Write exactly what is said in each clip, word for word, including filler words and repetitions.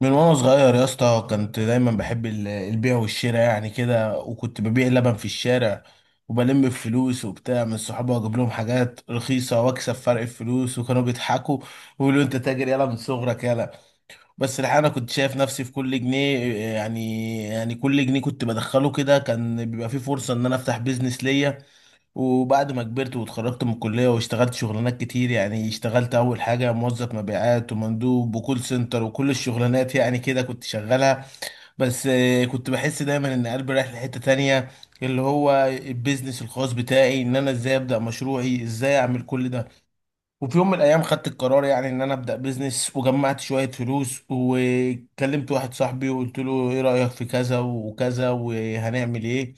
من وانا صغير يا اسطى كنت دايما بحب ال- البيع والشراء يعني كده، وكنت ببيع لبن في الشارع وبلم الفلوس وبتاع من صحابي واجيب لهم حاجات رخيصه واكسب فرق الفلوس، وكانوا بيضحكوا ويقولوا انت تاجر يالا من صغرك يالا. بس الحقيقه انا كنت شايف نفسي في كل جنيه، يعني يعني كل جنيه كنت بدخله كده كان بيبقى فيه فرصه ان انا افتح بيزنس ليا. وبعد ما كبرت واتخرجت من الكلية واشتغلت شغلانات كتير، يعني اشتغلت أول حاجة موظف مبيعات ومندوب وكول سنتر وكل الشغلانات يعني كده كنت شغالها. بس آه، كنت بحس دايما إن قلبي رايح لحتة تانية، اللي هو البيزنس الخاص بتاعي، إن أنا إزاي أبدأ مشروعي، إزاي أعمل كل ده. وفي يوم من الايام خدت القرار يعني ان انا ابدا بيزنس، وجمعت شويه فلوس وكلمت واحد صاحبي وقلت له ايه رايك في كذا وكذا وهنعمل ايه.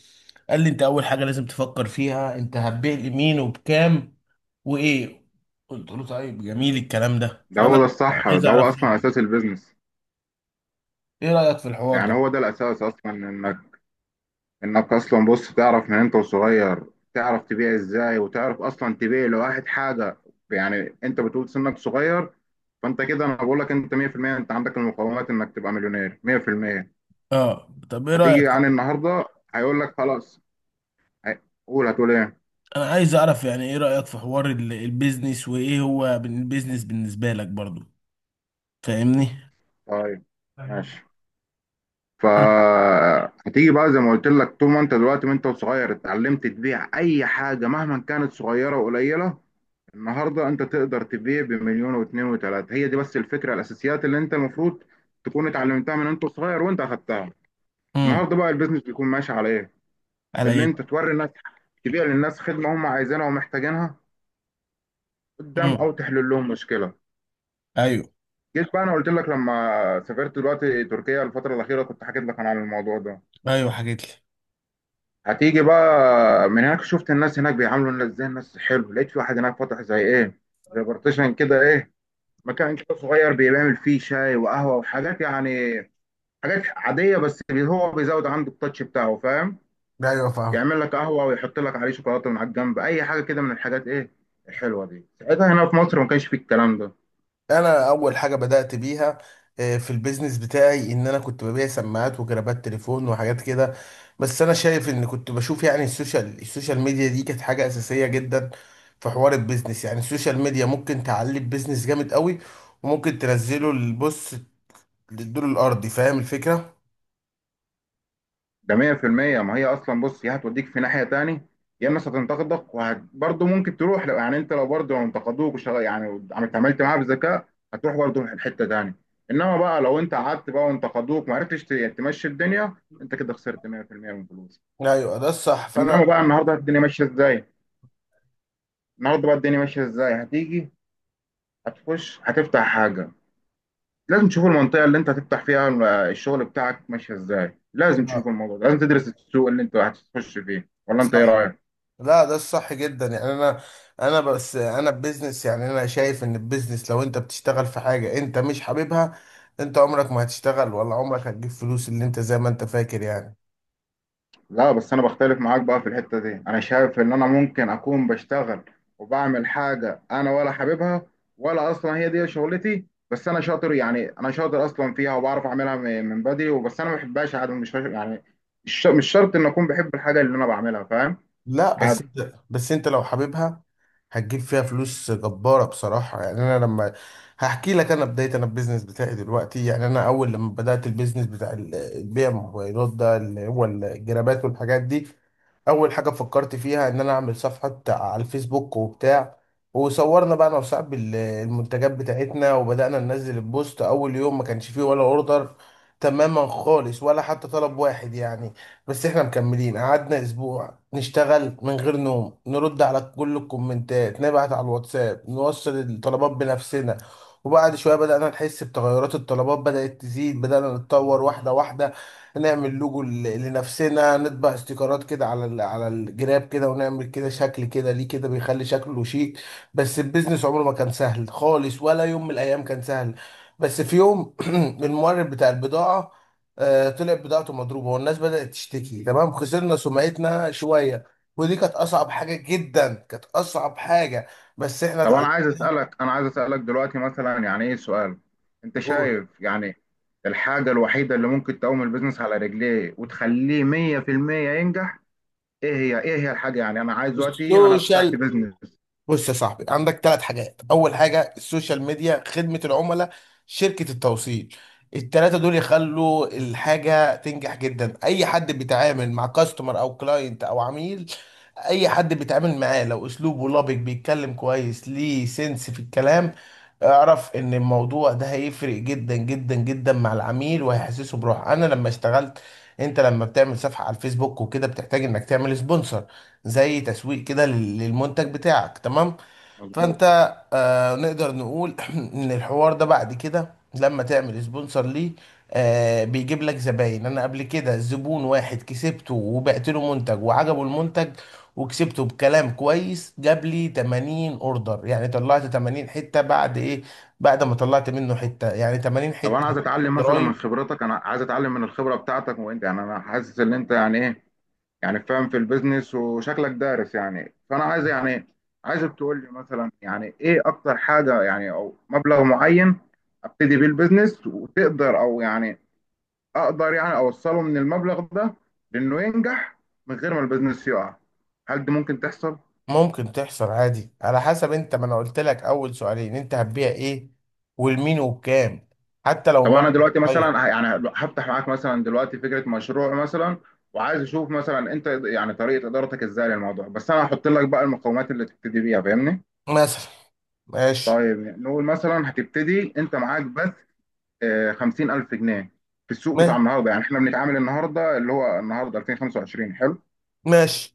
قال لي انت اول حاجه لازم تفكر فيها انت هتبيع لمين وبكام وايه. قلت له طيب، جميل الكلام ده، ده هو فانا ده الصح، عايز ده هو اعرف اصلا رايك. اساس البيزنس. ايه رايك في الحوار يعني ده؟ هو ده الاساس اصلا، انك انك اصلا بص تعرف من انت وصغير، تعرف تبيع ازاي وتعرف اصلا تبيع لواحد حاجه. يعني انت بتقول سنك صغير، فانت كده انا بقول لك انت مية في المية، انت عندك المقومات انك تبقى مليونير. مية في المية. اه. طب ايه هتيجي رايك؟ يعني النهارده هيقول لك خلاص. هي- قول، هتقول ايه؟ انا عايز اعرف يعني ايه رايك في حوار ال- البيزنس، وايه هو بن- البيزنس بالنسبه لك برضو؟ فاهمني؟ طيب، ماشي. فهتيجي بقى زي ما قلت لك، طول ما انت دلوقتي وانت صغير اتعلمت تبيع اي حاجه مهما كانت صغيره وقليله، النهارده انت تقدر تبيع بمليون واتنين وتلاته. هي دي بس الفكره، الاساسيات اللي انت المفروض تكون اتعلمتها من انت صغير وانت اخدتها. امم. النهارده بقى البيزنس بيكون ماشي على ايه؟ اللي على. انت توري الناس، تبيع للناس خدمه هم عايزينها ومحتاجينها قدام، امم. او تحل لهم مشكله. ايوه. جيت بقى، انا قلت لك لما سافرت دلوقتي تركيا الفتره الاخيره كنت حكيت لك عن الموضوع ده. ايوه حكيت لي. هتيجي بقى من هناك، شفت الناس هناك بيعاملوا الناس ازاي، الناس حلو، لقيت في واحد هناك فاتح زي ايه، زي بارتيشن كده، ايه، مكان كده صغير بيعمل فيه شاي وقهوة وحاجات يعني، حاجات عادية، بس بي- هو بيزود عنده التاتش بتاعه، فاهم؟ ايوه فاهم. يعمل لك قهوة ويحط لك عليه شوكولاتة من على الجنب، أي حاجة كده من الحاجات، ايه، الحلوة دي. ساعتها هنا في مصر ما كانش فيه الكلام ده. انا اول حاجه بدات بيها آه، في البيزنس بتاعي، ان انا كنت ببيع سماعات وجرابات تليفون وحاجات كده. بس انا شايف ان كنت بشوف يعني السوشيال السوشيال ميديا دي كانت حاجه اساسيه جدا في حوار البيزنس. يعني السوشيال ميديا ممكن تعلي البيزنس جامد قوي، وممكن تنزله البص للدور الارضي. فاهم الفكره؟ ده مية في المية. ما هي اصلا بص، يا هتوديك في ناحيه تاني، يا الناس هتنتقدك، وبرضه ممكن تروح لو يعني انت لو برضه لو انتقدوك وشغ- يعني عملت عملت معاها بذكاء، هتروح برضه حته تاني. انما بقى لو انت قعدت بقى وانتقدوك ما عرفتش ت- تمشي الدنيا، انت كده خسرت مية في المية من فلوسك. ايوه ده الصح، فانا انما بقى النهارده الدنيا ماشيه ازاي؟ النهارده بقى الدنيا ماشيه ازاي؟ هتيجي، هتخش، هتفتح حاجه، لازم تشوف المنطقه اللي انت هتفتح فيها الشغل بتاعك ماشيه ازاي، لازم تشوف آه، الموضوع ده، لازم تدرس السوق اللي انت هتخش فيه، ولا انت ايه صح. رايك؟ لا ده الصح جدا يعني. انا انا بس انا بزنس يعني انا شايف ان البيزنس لو انت بتشتغل في حاجة انت مش حاببها، انت عمرك ما هتشتغل، ولا عمرك هتجيب فلوس اللي انت زي ما انت فاكر يعني. لا بس انا بختلف معاك بقى في الحتة دي. انا شايف ان انا ممكن اكون بشتغل وبعمل حاجة انا ولا حاببها، ولا اصلا هي دي شغلتي، بس انا شاطر، يعني انا شاطر اصلا فيها وبعرف اعملها م- من بدري، وبس انا ما بحبهاش عادي. مش يعني مش مش شرط ان اكون بحب الحاجة اللي انا بعملها، فاهم؟ لا بس عادي. انت، بس انت لو حاببها هتجيب فيها فلوس جبارة بصراحة. يعني انا لما، هحكي لك انا بداية، انا البيزنس بتاعي دلوقتي، يعني انا اول لما بدأت البيزنس بتاع ال- البيع موبايلات ده، اللي هو الجرابات والحاجات دي، اول حاجة فكرت فيها ان انا اعمل صفحة على الفيسبوك وبتاع. وصورنا بقى انا وصاحبي ال- المنتجات بتاعتنا، وبدأنا ننزل البوست. اول يوم ما كانش فيه ولا اوردر تماما خالص، ولا حتى طلب واحد يعني. بس احنا مكملين، قعدنا اسبوع نشتغل من غير نوم، نرد على كل الكومنتات، نبعت على الواتساب، نوصل الطلبات بنفسنا. وبعد شوية بدأنا نحس بتغيرات، الطلبات بدأت تزيد، بدأنا نتطور واحدة واحدة، نعمل لوجو ل- لنفسنا، نطبع استيكرات كده على ال- على الجراب كده، ونعمل كده شكل كده ليه كده بيخلي شكله شيك. بس البيزنس عمره ما كان سهل خالص، ولا يوم من الأيام كان سهل. بس في يوم المورد بتاع البضاعة آه، طلعت بضاعته مضروبه والناس بدات تشتكي، تمام، خسرنا سمعتنا شويه، ودي كانت اصعب حاجه جدا، كانت اصعب حاجه. بس احنا طب انا اتعلمنا. عايز اسالك، انا عايز اسالك دلوقتي مثلا، يعني ايه سؤال، انت نقول شايف يعني الحاجة الوحيدة اللي ممكن تقوم البيزنس على رجليه وتخليه مية في المية ينجح، ايه هي؟ ايه هي الحاجه يعني انا عايز دلوقتي، انا فتحت السوشيال. بيزنس. بص يا صاحبي، عندك ثلاث حاجات: اول حاجه السوشيال ميديا، خدمه العملاء، شركه التوصيل. الثلاثه دول يخلوا الحاجه تنجح جدا. اي حد بيتعامل مع كاستمر او كلاينت او عميل، اي حد بيتعامل معاه، لو اسلوبه لبق بيتكلم كويس ليه سنس في الكلام، اعرف ان الموضوع ده هيفرق جدا جدا جدا مع العميل وهيحسسه بروح. انا لما اشتغلت، انت لما بتعمل صفحه على الفيسبوك وكده بتحتاج انك تعمل سبونسر، زي تسويق كده لل- للمنتج بتاعك، تمام؟ فانت مظبوط. آه نقدر نقول ان الحوار ده بعد كده لما تعمل سبونسر ليه آه بيجيب لك زباين. انا قبل كده زبون واحد كسبته وبعت له منتج وعجبه المنتج، وكسبته بكلام كويس، جاب لي تمانين اوردر، يعني طلعت تمانين حتة بعد ايه، بعد ما طلعت منه حتة يعني تمانين طب انا حتة. عايز اتعلم مثلا من خبرتك، انا عايز اتعلم من الخبره بتاعتك. وانت يعني انا حاسس ان انت يعني ايه، يعني فاهم في البيزنس وشكلك دارس يعني، فانا عايز يعني عايزك تقول لي مثلا يعني ايه اكتر حاجه، يعني او مبلغ معين ابتدي بيه البيزنس وتقدر، او يعني اقدر يعني اوصله من المبلغ ده لانه ينجح من غير ما البيزنس يقع. هل دي ممكن تحصل؟ ممكن تحصل عادي، على حسب. انت ما انا قلت لك اول سؤالين، انت هتبيع ايه والمين وبكام، حتى لو طب انا مبلغ دلوقتي صغير. مثلا ه- يعني هفتح معاك مثلا دلوقتي فكره مشروع مثلا، وعايز اشوف مثلا انت يعني طريقه ادارتك ازاي للموضوع، بس انا هحط لك بقى المقومات اللي تبتدي بيها، فاهمني؟ مثلا. ماشي. طيب نقول مثلا هتبتدي انت معاك بس آه، خمسين الف جنيه. في السوق بتاع ما- النهارده، يعني احنا بنتعامل النهارده اللي هو النهارده ألفين وخمسة وعشرين، حلو. ماشي.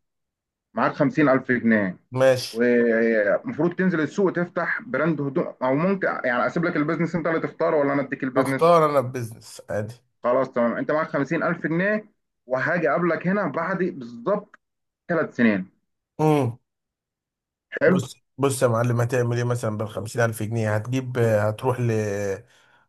معاك خمسين الف جنيه، ماشي. ومفروض تنزل السوق تفتح براند هدوم، او ممكن يعني اسيب لك البيزنس انت اللي تختاره، ولا انا اديك البيزنس؟ اختار انا البيزنس عادي. خلاص تمام، انت معاك خمسين الف جنيه، وهاجي اقابلك هنا بعد بالظبط ثلاث سنين، حلو. بص بص يا معلم، هتعمل ايه مثلا بالخمسين ألف جنيه؟ هتجيب، هتروح ل،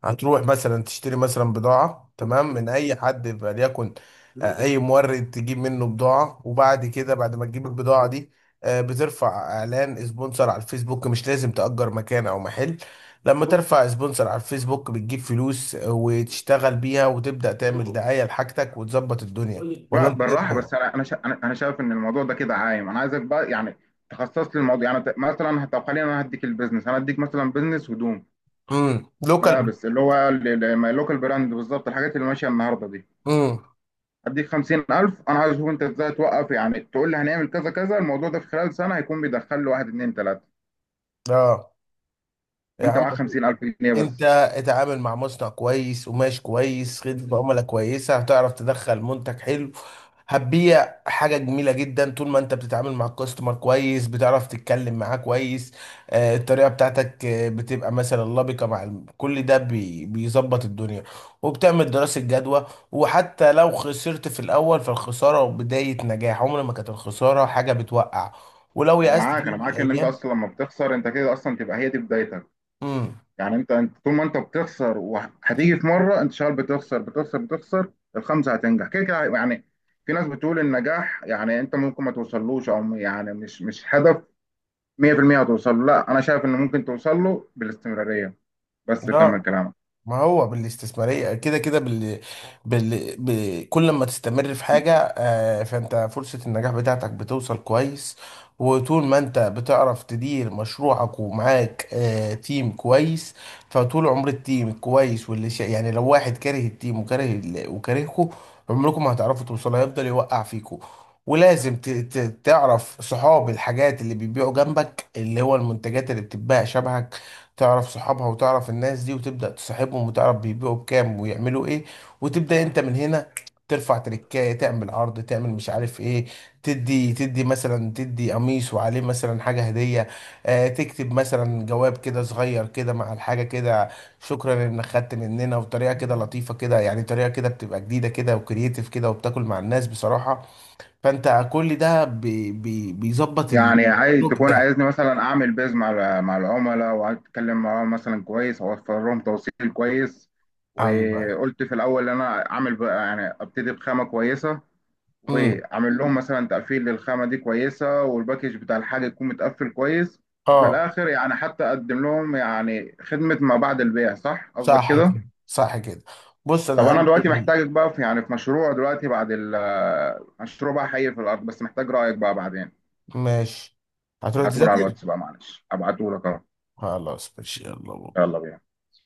هتروح مثلا تشتري مثلا بضاعة، تمام، من أي حد، فليكن آه، أي مورد تجيب منه بضاعة. وبعد كده بعد ما تجيب البضاعة دي آه، بترفع إعلان سبونسر على الفيسبوك، مش لازم تأجر مكان أو محل. لما ترفع سبونسر على الفيسبوك بتجيب فلوس آه، وتشتغل بيها وتبدأ تعمل دعاية لحاجتك وتظبط الدنيا. ولا لا أنت إيه بالراحه، بس رأيك؟ انا انا شا- انا أنا شايف ان الموضوع ده كده عايم. انا عايزك بقى يعني تخصص لي الموضوع، يعني ت- مثلا، طب خلينا انا هديك البيزنس، انا هديك مثلا بيزنس هدوم، امم. لوكال. ملابس اللي هو اللوكال براند، بالظبط الحاجات اللي ماشيه النهارده دي. امم. هديك خمسين الف، انا عايز اشوف انت ازاي توقف، يعني تقول لي هنعمل كذا كذا، الموضوع ده في خلال سنه هيكون بيدخل له واحد اتنين تلاته، اه. يا وانت عم معاك خمسين الف جنيه انت، بس. اتعامل مع مصنع كويس، قماش كويس، خدمة عملاء كويسة، هتعرف تدخل منتج حلو، هتبيع حاجة جميلة جدا. طول ما انت بتتعامل مع الكاستمر كويس، بتعرف تتكلم معاه كويس، آه، الطريقة بتاعتك آه، بتبقى مثلا لبقة مع الم- كل ده بي- بيظبط الدنيا. وبتعمل دراسة جدوى، وحتى لو خسرت في الأول فالخسارة بداية نجاح، عمر ما كانت الخسارة حاجة بتوقع، ولو انا يأست معاك، في يوم انا من معاك ان انت الأيام. اصلا لما بتخسر انت كده اصلا تبقى هي دي بدايتك. امم. يعني انت انت طول ما انت بتخسر، وهتيجي في مره انت شغال بتخسر بتخسر بتخسر، الخمسه هتنجح كده كده يعني. في ناس بتقول النجاح يعني انت ممكن ما توصلوش، او يعني مش مش هدف مية في المية هتوصل له. لا انا شايف ان ممكن توصل له بالاستمراريه، بس كمل كلامك. ما هو بالاستثمارية كده كده، بال... بال... ب... كل ما تستمر في حاجة آه، فانت فرصة النجاح بتاعتك بتوصل كويس. وطول ما انت بتعرف تدير مشروعك ومعاك آه، تيم كويس، فطول عمر التيم كويس واللي شا... يعني لو واحد كاره التيم وكاره ال... وكارهكوا، عمركم ما هتعرفوا توصلوا، هيفضل يوقع فيكوا. ولازم ت... ت... تعرف صحاب الحاجات اللي بيبيعوا جنبك، اللي هو المنتجات اللي بتتباع شبهك، تعرف صحابها وتعرف الناس دي وتبدأ تصاحبهم، وتعرف بيبيعوا بكام ويعملوا ايه، وتبدأ انت من هنا. ترفع تركاية، تعمل عرض، تعمل مش عارف ايه، تدي تدي مثلا، تدي قميص وعليه مثلا حاجة هدية، آه تكتب مثلا جواب كده صغير كده مع الحاجة كده، شكرا انك خدت مننا، وطريقة كده لطيفة كده، يعني طريقة كده بتبقى جديدة كده وكرييتيف كده، وبتاكل مع الناس بصراحة. فانت كل ده بي بي بيظبط يعني عايز الاسلوب تكون، بتاعك. عايزني مثلا اعمل بيز مع ال- مع العملاء، وعايز اتكلم معاهم مثلا كويس، اوفر لهم توصيل كويس. أيوة. وقلت في الاول ان انا اعمل بقى يعني ابتدي بخامه كويسه، امم. واعمل لهم مثلا تقفيل للخامه دي كويسه، والباكج بتاع الحاجه يكون متقفل كويس، وفي اه. الاخر يعني حتى اقدم لهم يعني خدمه ما بعد البيع. صح، قصدك صح كده؟ كده، صح كده. بص انا طب انا دلوقتي عندي. محتاجك بقى في يعني في مشروع دلوقتي بعد ال، مشروع بقى حي في الارض، بس محتاج رايك بقى بعدين. ماشي. هتروح ابعتهولي على تذاكر. الواتس بقى، معلش، ابعتهولك اهو. خلاص ماشي، يلا بقى. يلا بينا.